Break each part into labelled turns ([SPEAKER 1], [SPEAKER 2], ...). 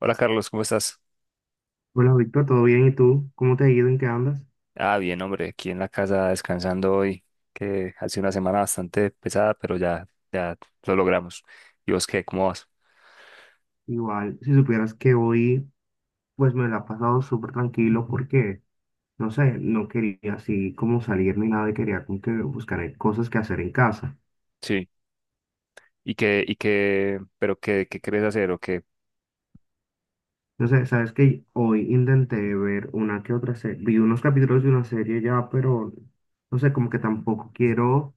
[SPEAKER 1] Hola Carlos, ¿cómo estás?
[SPEAKER 2] Bueno, Víctor, ¿todo bien? ¿Y tú? ¿Cómo te ha ido? ¿En qué andas?
[SPEAKER 1] Bien, hombre, aquí en la casa descansando hoy, que ha sido una semana bastante pesada, pero ya, ya lo logramos. ¿Y vos qué? ¿Cómo vas?
[SPEAKER 2] Igual, si supieras que hoy, pues me la he pasado súper tranquilo porque, no sé, no quería así como salir ni nada y quería como que buscar cosas que hacer en casa.
[SPEAKER 1] Sí. ¿Y qué, pero qué, qué querés hacer o qué?
[SPEAKER 2] No sé, sabes que hoy intenté ver una que otra serie, vi unos capítulos de una serie ya, pero no sé, como que tampoco quiero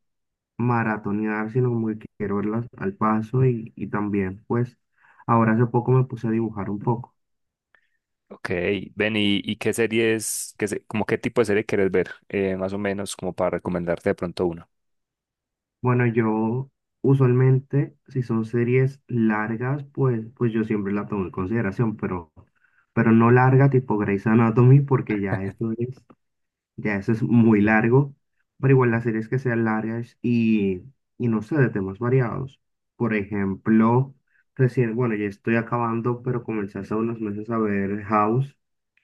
[SPEAKER 2] maratonear, sino como que quiero verlas al paso y también, pues, ahora hace poco me puse a dibujar un poco.
[SPEAKER 1] Ok, ven, y qué series, qué, como qué tipo de serie querés ver? Más o menos como para recomendarte de pronto una.
[SPEAKER 2] Bueno, yo usualmente, si son series largas, pues yo siempre la tomo en consideración, pero no larga tipo Grey's Anatomy, porque ya eso es muy largo, pero igual las series que sean largas y no sé, de temas variados. Por ejemplo, recién, bueno, ya estoy acabando, pero comencé hace unos meses a ver House,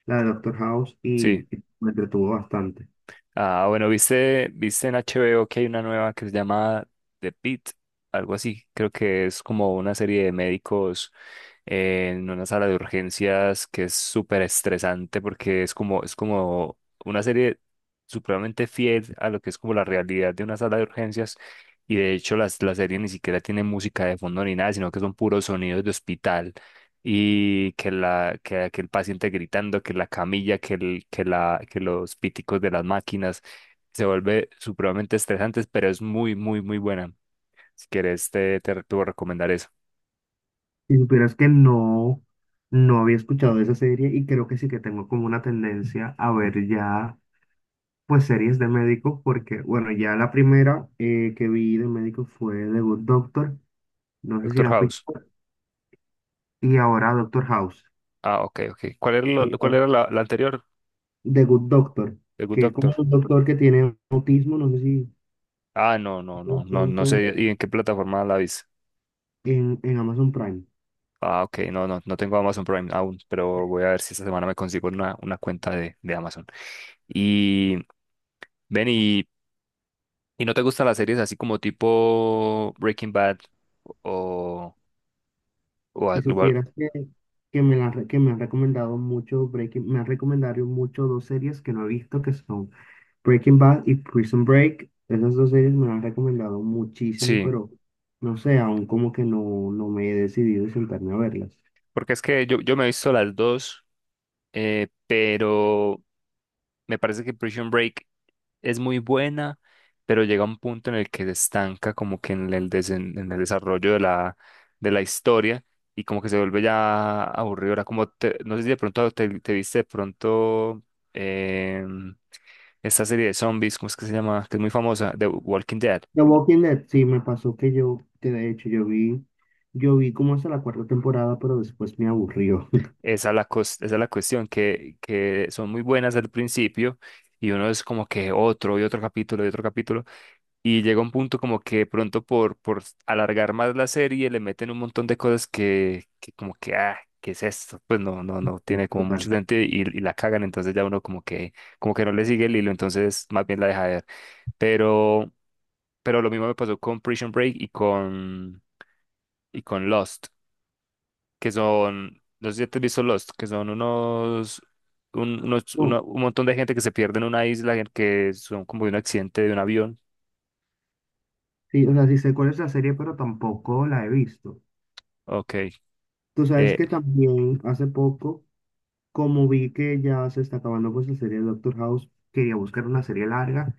[SPEAKER 2] la de Doctor House,
[SPEAKER 1] Sí.
[SPEAKER 2] y me entretuvo bastante.
[SPEAKER 1] Ah, bueno, viste, viste en HBO que hay una nueva que se llama The Pitt, algo así. Creo que es como una serie de médicos en una sala de urgencias que es súper estresante porque es como una serie supremamente fiel a lo que es como la realidad de una sala de urgencias. Y de hecho la serie ni siquiera tiene música de fondo ni nada, sino que son puros sonidos de hospital y que el paciente gritando, que la camilla, que los píticos de las máquinas se vuelve supremamente estresante, pero es muy muy muy buena. Si quieres te voy a recomendar eso.
[SPEAKER 2] Si supieras que no, no había escuchado de esa serie y creo que sí que tengo como una tendencia a ver ya, pues, series de médicos, porque, bueno, ya la primera que vi de médicos fue The Good Doctor, no sé si
[SPEAKER 1] Doctor
[SPEAKER 2] la has visto,
[SPEAKER 1] House.
[SPEAKER 2] y ahora Doctor House.
[SPEAKER 1] Ah, ok, ok. ¿Cuál era
[SPEAKER 2] Son
[SPEAKER 1] cuál
[SPEAKER 2] dos.
[SPEAKER 1] era la, la anterior?
[SPEAKER 2] The Good Doctor,
[SPEAKER 1] The Good
[SPEAKER 2] que es
[SPEAKER 1] Doctor.
[SPEAKER 2] como un doctor que tiene autismo, no sé si
[SPEAKER 1] Ah, no, no,
[SPEAKER 2] de
[SPEAKER 1] no, no, no
[SPEAKER 2] pronto
[SPEAKER 1] sé y en qué plataforma la viste.
[SPEAKER 2] en Amazon Prime.
[SPEAKER 1] Ah, ok, no, no, no tengo Amazon Prime aún, pero voy a ver si esta semana me consigo una cuenta de Amazon. Y ven y ¿Y no te gustan las series así como tipo Breaking Bad o, o,
[SPEAKER 2] Si supieras que, que me han recomendado mucho Breaking, me han recomendado mucho dos series que no he visto que son Breaking Bad y Prison Break, esas dos series me las han recomendado muchísimo,
[SPEAKER 1] sí,
[SPEAKER 2] pero no sé, aún como que no, no me he decidido sentarme a verlas.
[SPEAKER 1] porque es que yo me he visto las dos, pero me parece que Prison Break es muy buena, pero llega un punto en el que se estanca como que en el, en el desarrollo de la historia y como que se vuelve ya aburridora. Como no sé si de pronto te, te viste de pronto em, esta serie de zombies, ¿cómo es que se llama? Que es muy famosa, The Walking Dead.
[SPEAKER 2] The Walking Dead, sí, me pasó que yo, que de hecho yo vi como hasta la cuarta temporada, pero después me aburrió.
[SPEAKER 1] Esa es la, esa es la cuestión, que son muy buenas al principio y uno es como que otro y otro capítulo y otro capítulo y llega un punto como que pronto por alargar más la serie le meten un montón de cosas que como que, ah, ¿qué es esto? Pues no, no, no
[SPEAKER 2] Sí,
[SPEAKER 1] tiene como mucho
[SPEAKER 2] total.
[SPEAKER 1] sentido y la cagan, entonces ya uno como que no le sigue el hilo, entonces más bien la deja de ver. Pero, pero lo mismo me pasó con Prison Break y con Lost que son, no sé si te has visto Lost, que son unos, un,
[SPEAKER 2] No,
[SPEAKER 1] un montón de gente que se pierde en una isla, en que son como de un accidente de un avión.
[SPEAKER 2] sí, o sea, sí sé cuál es la serie, pero tampoco la he visto.
[SPEAKER 1] Ok.
[SPEAKER 2] Tú sabes
[SPEAKER 1] Eh,
[SPEAKER 2] que también hace poco, como vi que ya se está acabando pues la serie de Doctor House, quería buscar una serie larga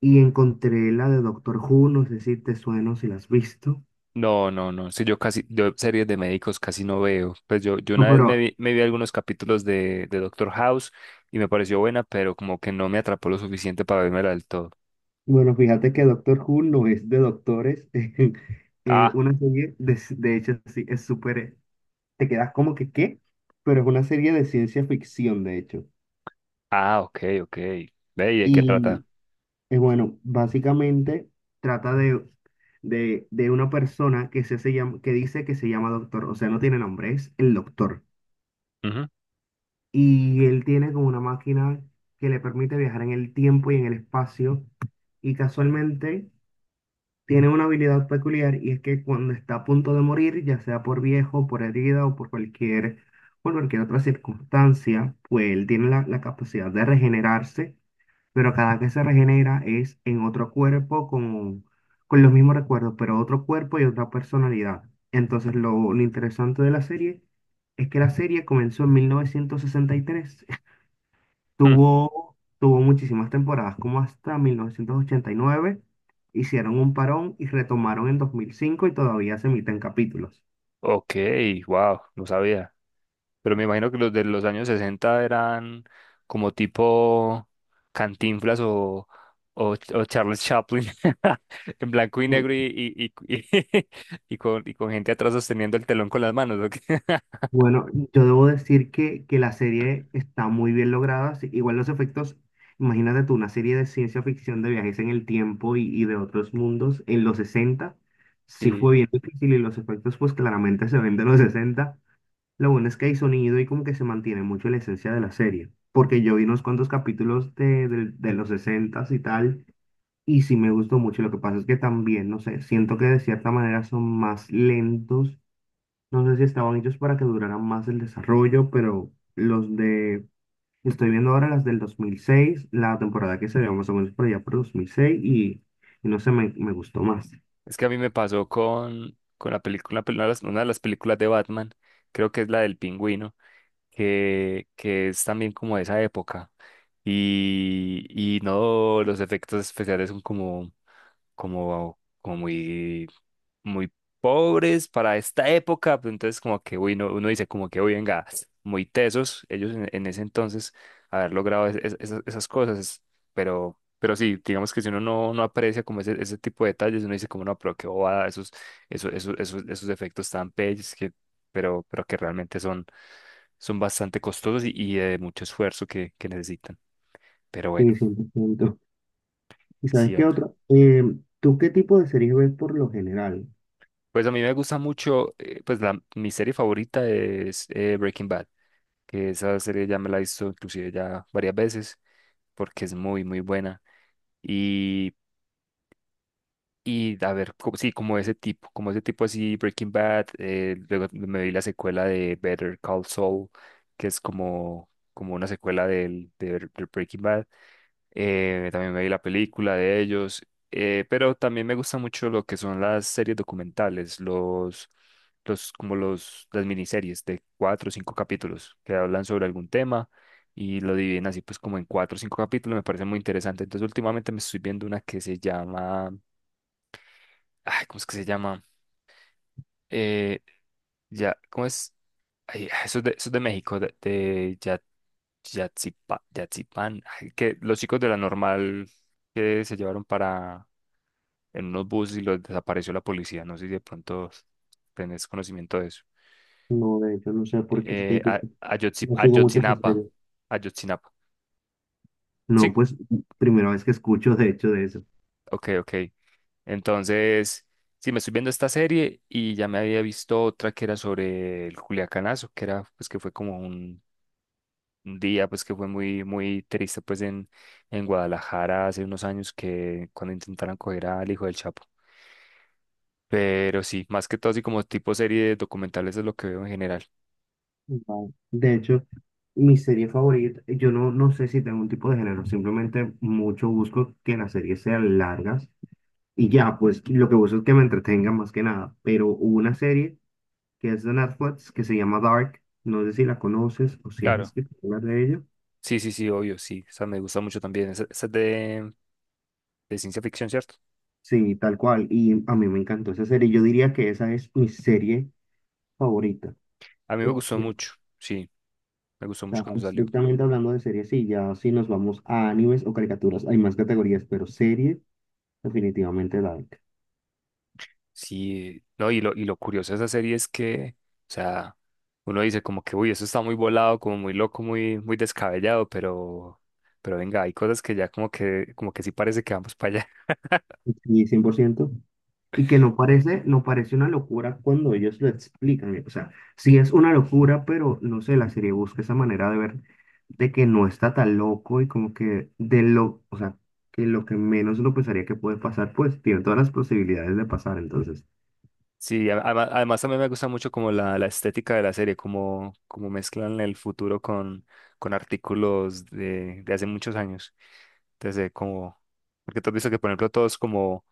[SPEAKER 2] y encontré la de Doctor Who, no sé si te suena, o si la has visto.
[SPEAKER 1] no, no, no. Sí, yo casi, yo series de médicos casi no veo. Pues yo
[SPEAKER 2] No,
[SPEAKER 1] una vez
[SPEAKER 2] pero
[SPEAKER 1] me vi algunos capítulos de Doctor House y me pareció buena, pero como que no me atrapó lo suficiente para vérmela del todo.
[SPEAKER 2] bueno, fíjate que Doctor Who no es de doctores.
[SPEAKER 1] Ah,
[SPEAKER 2] Una serie, de hecho, sí, es súper, te quedas como que, ¿qué? Pero es una serie de ciencia ficción, de hecho.
[SPEAKER 1] ah, ok, ok. Ve, ¿y de qué trata?
[SPEAKER 2] Y bueno, básicamente trata de, de una persona que, se llama, que dice que se llama doctor, o sea, no tiene nombre, es el doctor.
[SPEAKER 1] Ujú,
[SPEAKER 2] Y él tiene como una máquina que le permite viajar en el tiempo y en el espacio y casualmente tiene una habilidad peculiar y es que cuando está a punto de morir, ya sea por viejo, por herida o por cualquier otra circunstancia, pues él tiene la, la capacidad de regenerarse, pero cada que se regenera es en otro cuerpo con los mismos recuerdos, pero otro cuerpo y otra personalidad. Entonces lo interesante de la serie es que la serie comenzó en 1963.
[SPEAKER 1] mm,
[SPEAKER 2] Tuvo muchísimas temporadas, como hasta 1989. Hicieron un parón y retomaron en 2005 y todavía se emiten capítulos.
[SPEAKER 1] ok, wow, no sabía. Pero me imagino que los de los años 60 eran como tipo Cantinflas o Charles Chaplin, en blanco y
[SPEAKER 2] Bu-
[SPEAKER 1] negro y, y, y- y con gente atrás sosteniendo el telón con las manos. ¿O qué?
[SPEAKER 2] Bueno, yo debo decir que la serie está muy bien lograda. Sí, igual los efectos, imagínate tú, una serie de ciencia ficción de viajes en el tiempo y de otros mundos en los 60, sí
[SPEAKER 1] Sí,
[SPEAKER 2] fue bien difícil y los efectos pues claramente se ven de los 60. Lo bueno es que hay sonido y como que se mantiene mucho la esencia de la serie, porque yo vi unos cuantos capítulos de, de los sesentas y tal, y sí me gustó mucho. Lo que pasa es que también, no sé, siento que de cierta manera son más lentos. No sé si estaban hechos para que duraran más el desarrollo, pero los de... Estoy viendo ahora las del 2006, la temporada que se ve más o menos por allá por 2006, y no sé, me gustó más.
[SPEAKER 1] es que a mí me pasó con la película, una de las películas de Batman, creo que es la del pingüino, que es también como de esa época. Y no, los efectos especiales son como, como, como muy muy pobres para esta época, pues entonces como que uy, uno dice como que uy, venga, muy tesos ellos en ese entonces haber logrado esas, esas cosas, pero sí, digamos que si uno no, no aprecia como ese tipo de detalles, uno dice como no, pero qué bobada, esos, esos efectos tan bellos que, pero que realmente son, son bastante costosos y de mucho esfuerzo que necesitan. Pero bueno,
[SPEAKER 2] Sí, 100%. ¿Y sabes
[SPEAKER 1] sí,
[SPEAKER 2] qué
[SPEAKER 1] hombre.
[SPEAKER 2] otra? ¿Tú qué tipo de series ves por lo general?
[SPEAKER 1] Pues a mí me gusta mucho, pues la, mi serie favorita es Breaking Bad. Que esa serie ya me la he visto inclusive ya varias veces porque es muy, muy buena. Y a ver, sí, como ese tipo así, Breaking Bad, luego me vi la secuela de Better Call Saul, que es como, como una secuela de Breaking Bad. También me vi la película de ellos, pero también me gusta mucho lo que son las series documentales, los, como los, las miniseries de cuatro o cinco capítulos que hablan sobre algún tema y lo dividen así pues como en cuatro o cinco capítulos, me parece muy interesante. Entonces últimamente me estoy viendo una que se llama Ay, ¿cómo es que se llama? Eh, ya, ¿cómo es? Ay, ah, eso es de México, de, de Yatzipán. Ay, que los chicos de la normal que se llevaron para en unos buses y los desapareció la policía. No sé si de pronto tenés conocimiento de eso.
[SPEAKER 2] No, de hecho, no sé por qué es que yo no sigo mucho esa
[SPEAKER 1] Ayotzinapa.
[SPEAKER 2] serie.
[SPEAKER 1] Ayotzinapa.
[SPEAKER 2] No,
[SPEAKER 1] Sí,
[SPEAKER 2] pues primera vez que escucho de hecho de eso.
[SPEAKER 1] ok, ok. Entonces, sí, me estoy viendo esta serie y ya me había visto otra que era sobre el Culiacanazo, que era, pues que fue como un día pues que fue muy muy triste pues en Guadalajara hace unos años que cuando intentaron coger al hijo del Chapo. Pero sí, más que todo así como tipo serie de documentales es lo que veo en general.
[SPEAKER 2] Vale. De hecho, mi serie favorita, yo no, no sé si tengo un tipo de género, simplemente mucho busco que las series sean largas y ya, pues lo que busco es que me entretenga más que nada. Pero hubo una serie que es de Netflix que se llama Dark, no sé si la conoces o si has
[SPEAKER 1] Claro,
[SPEAKER 2] escuchado hablar de ella.
[SPEAKER 1] sí, sí, sí, obvio, sí. Esa me gusta mucho también. Esa es de ciencia ficción, ¿cierto?
[SPEAKER 2] Sí, tal cual, y a mí me encantó esa serie, yo diría que esa es mi serie favorita.
[SPEAKER 1] A mí me gustó mucho, sí, me gustó mucho
[SPEAKER 2] Sea,
[SPEAKER 1] cuando salió.
[SPEAKER 2] estrictamente hablando de series, sí, ya si nos vamos a animes o caricaturas, hay más categorías, pero series, definitivamente Dark.
[SPEAKER 1] Sí, no, y lo curioso de esa serie es que, o sea, uno dice como que, uy, eso está muy volado, como muy loco, muy, muy descabellado, pero venga, hay cosas que ya como que sí parece que vamos para allá.
[SPEAKER 2] Y 100%. Y que no parece, no parece una locura cuando ellos lo explican. O sea, sí es una locura, pero no sé, la serie busca esa manera de ver de que no está tan loco y como que de lo, o sea, que lo que menos uno pensaría que puede pasar, pues tiene todas las posibilidades de pasar. Entonces,
[SPEAKER 1] Sí, además, además también me gusta mucho como la estética de la serie, como, como mezclan el futuro con artículos de hace muchos años. Entonces, como, porque tú has visto que, por ejemplo, todos como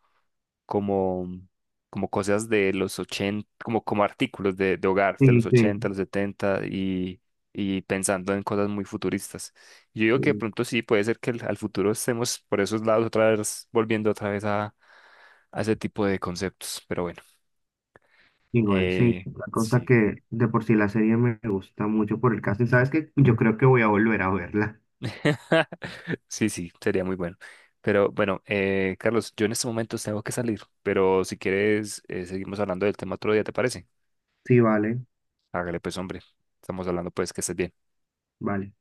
[SPEAKER 1] como, como cosas de los 80 como, como artículos de hogar de los
[SPEAKER 2] sí,
[SPEAKER 1] 80 los 70 y pensando en cosas muy futuristas. Yo digo que de
[SPEAKER 2] sí.
[SPEAKER 1] pronto sí, puede ser que al futuro estemos por esos lados otra vez, volviendo otra vez a ese tipo de conceptos, pero bueno,
[SPEAKER 2] Igual, sí,
[SPEAKER 1] eh,
[SPEAKER 2] la cosa
[SPEAKER 1] sí.
[SPEAKER 2] que de por sí la serie me gusta mucho por el casting. ¿Sabes qué? Yo creo que voy a volver a verla.
[SPEAKER 1] Sí, sí, sería muy bueno. Pero bueno, Carlos, yo en estos momentos tengo que salir, pero si quieres, seguimos hablando del tema otro día, ¿te parece?
[SPEAKER 2] Sí, vale,
[SPEAKER 1] Hágale pues, hombre. Estamos hablando pues que estés bien.
[SPEAKER 2] vale.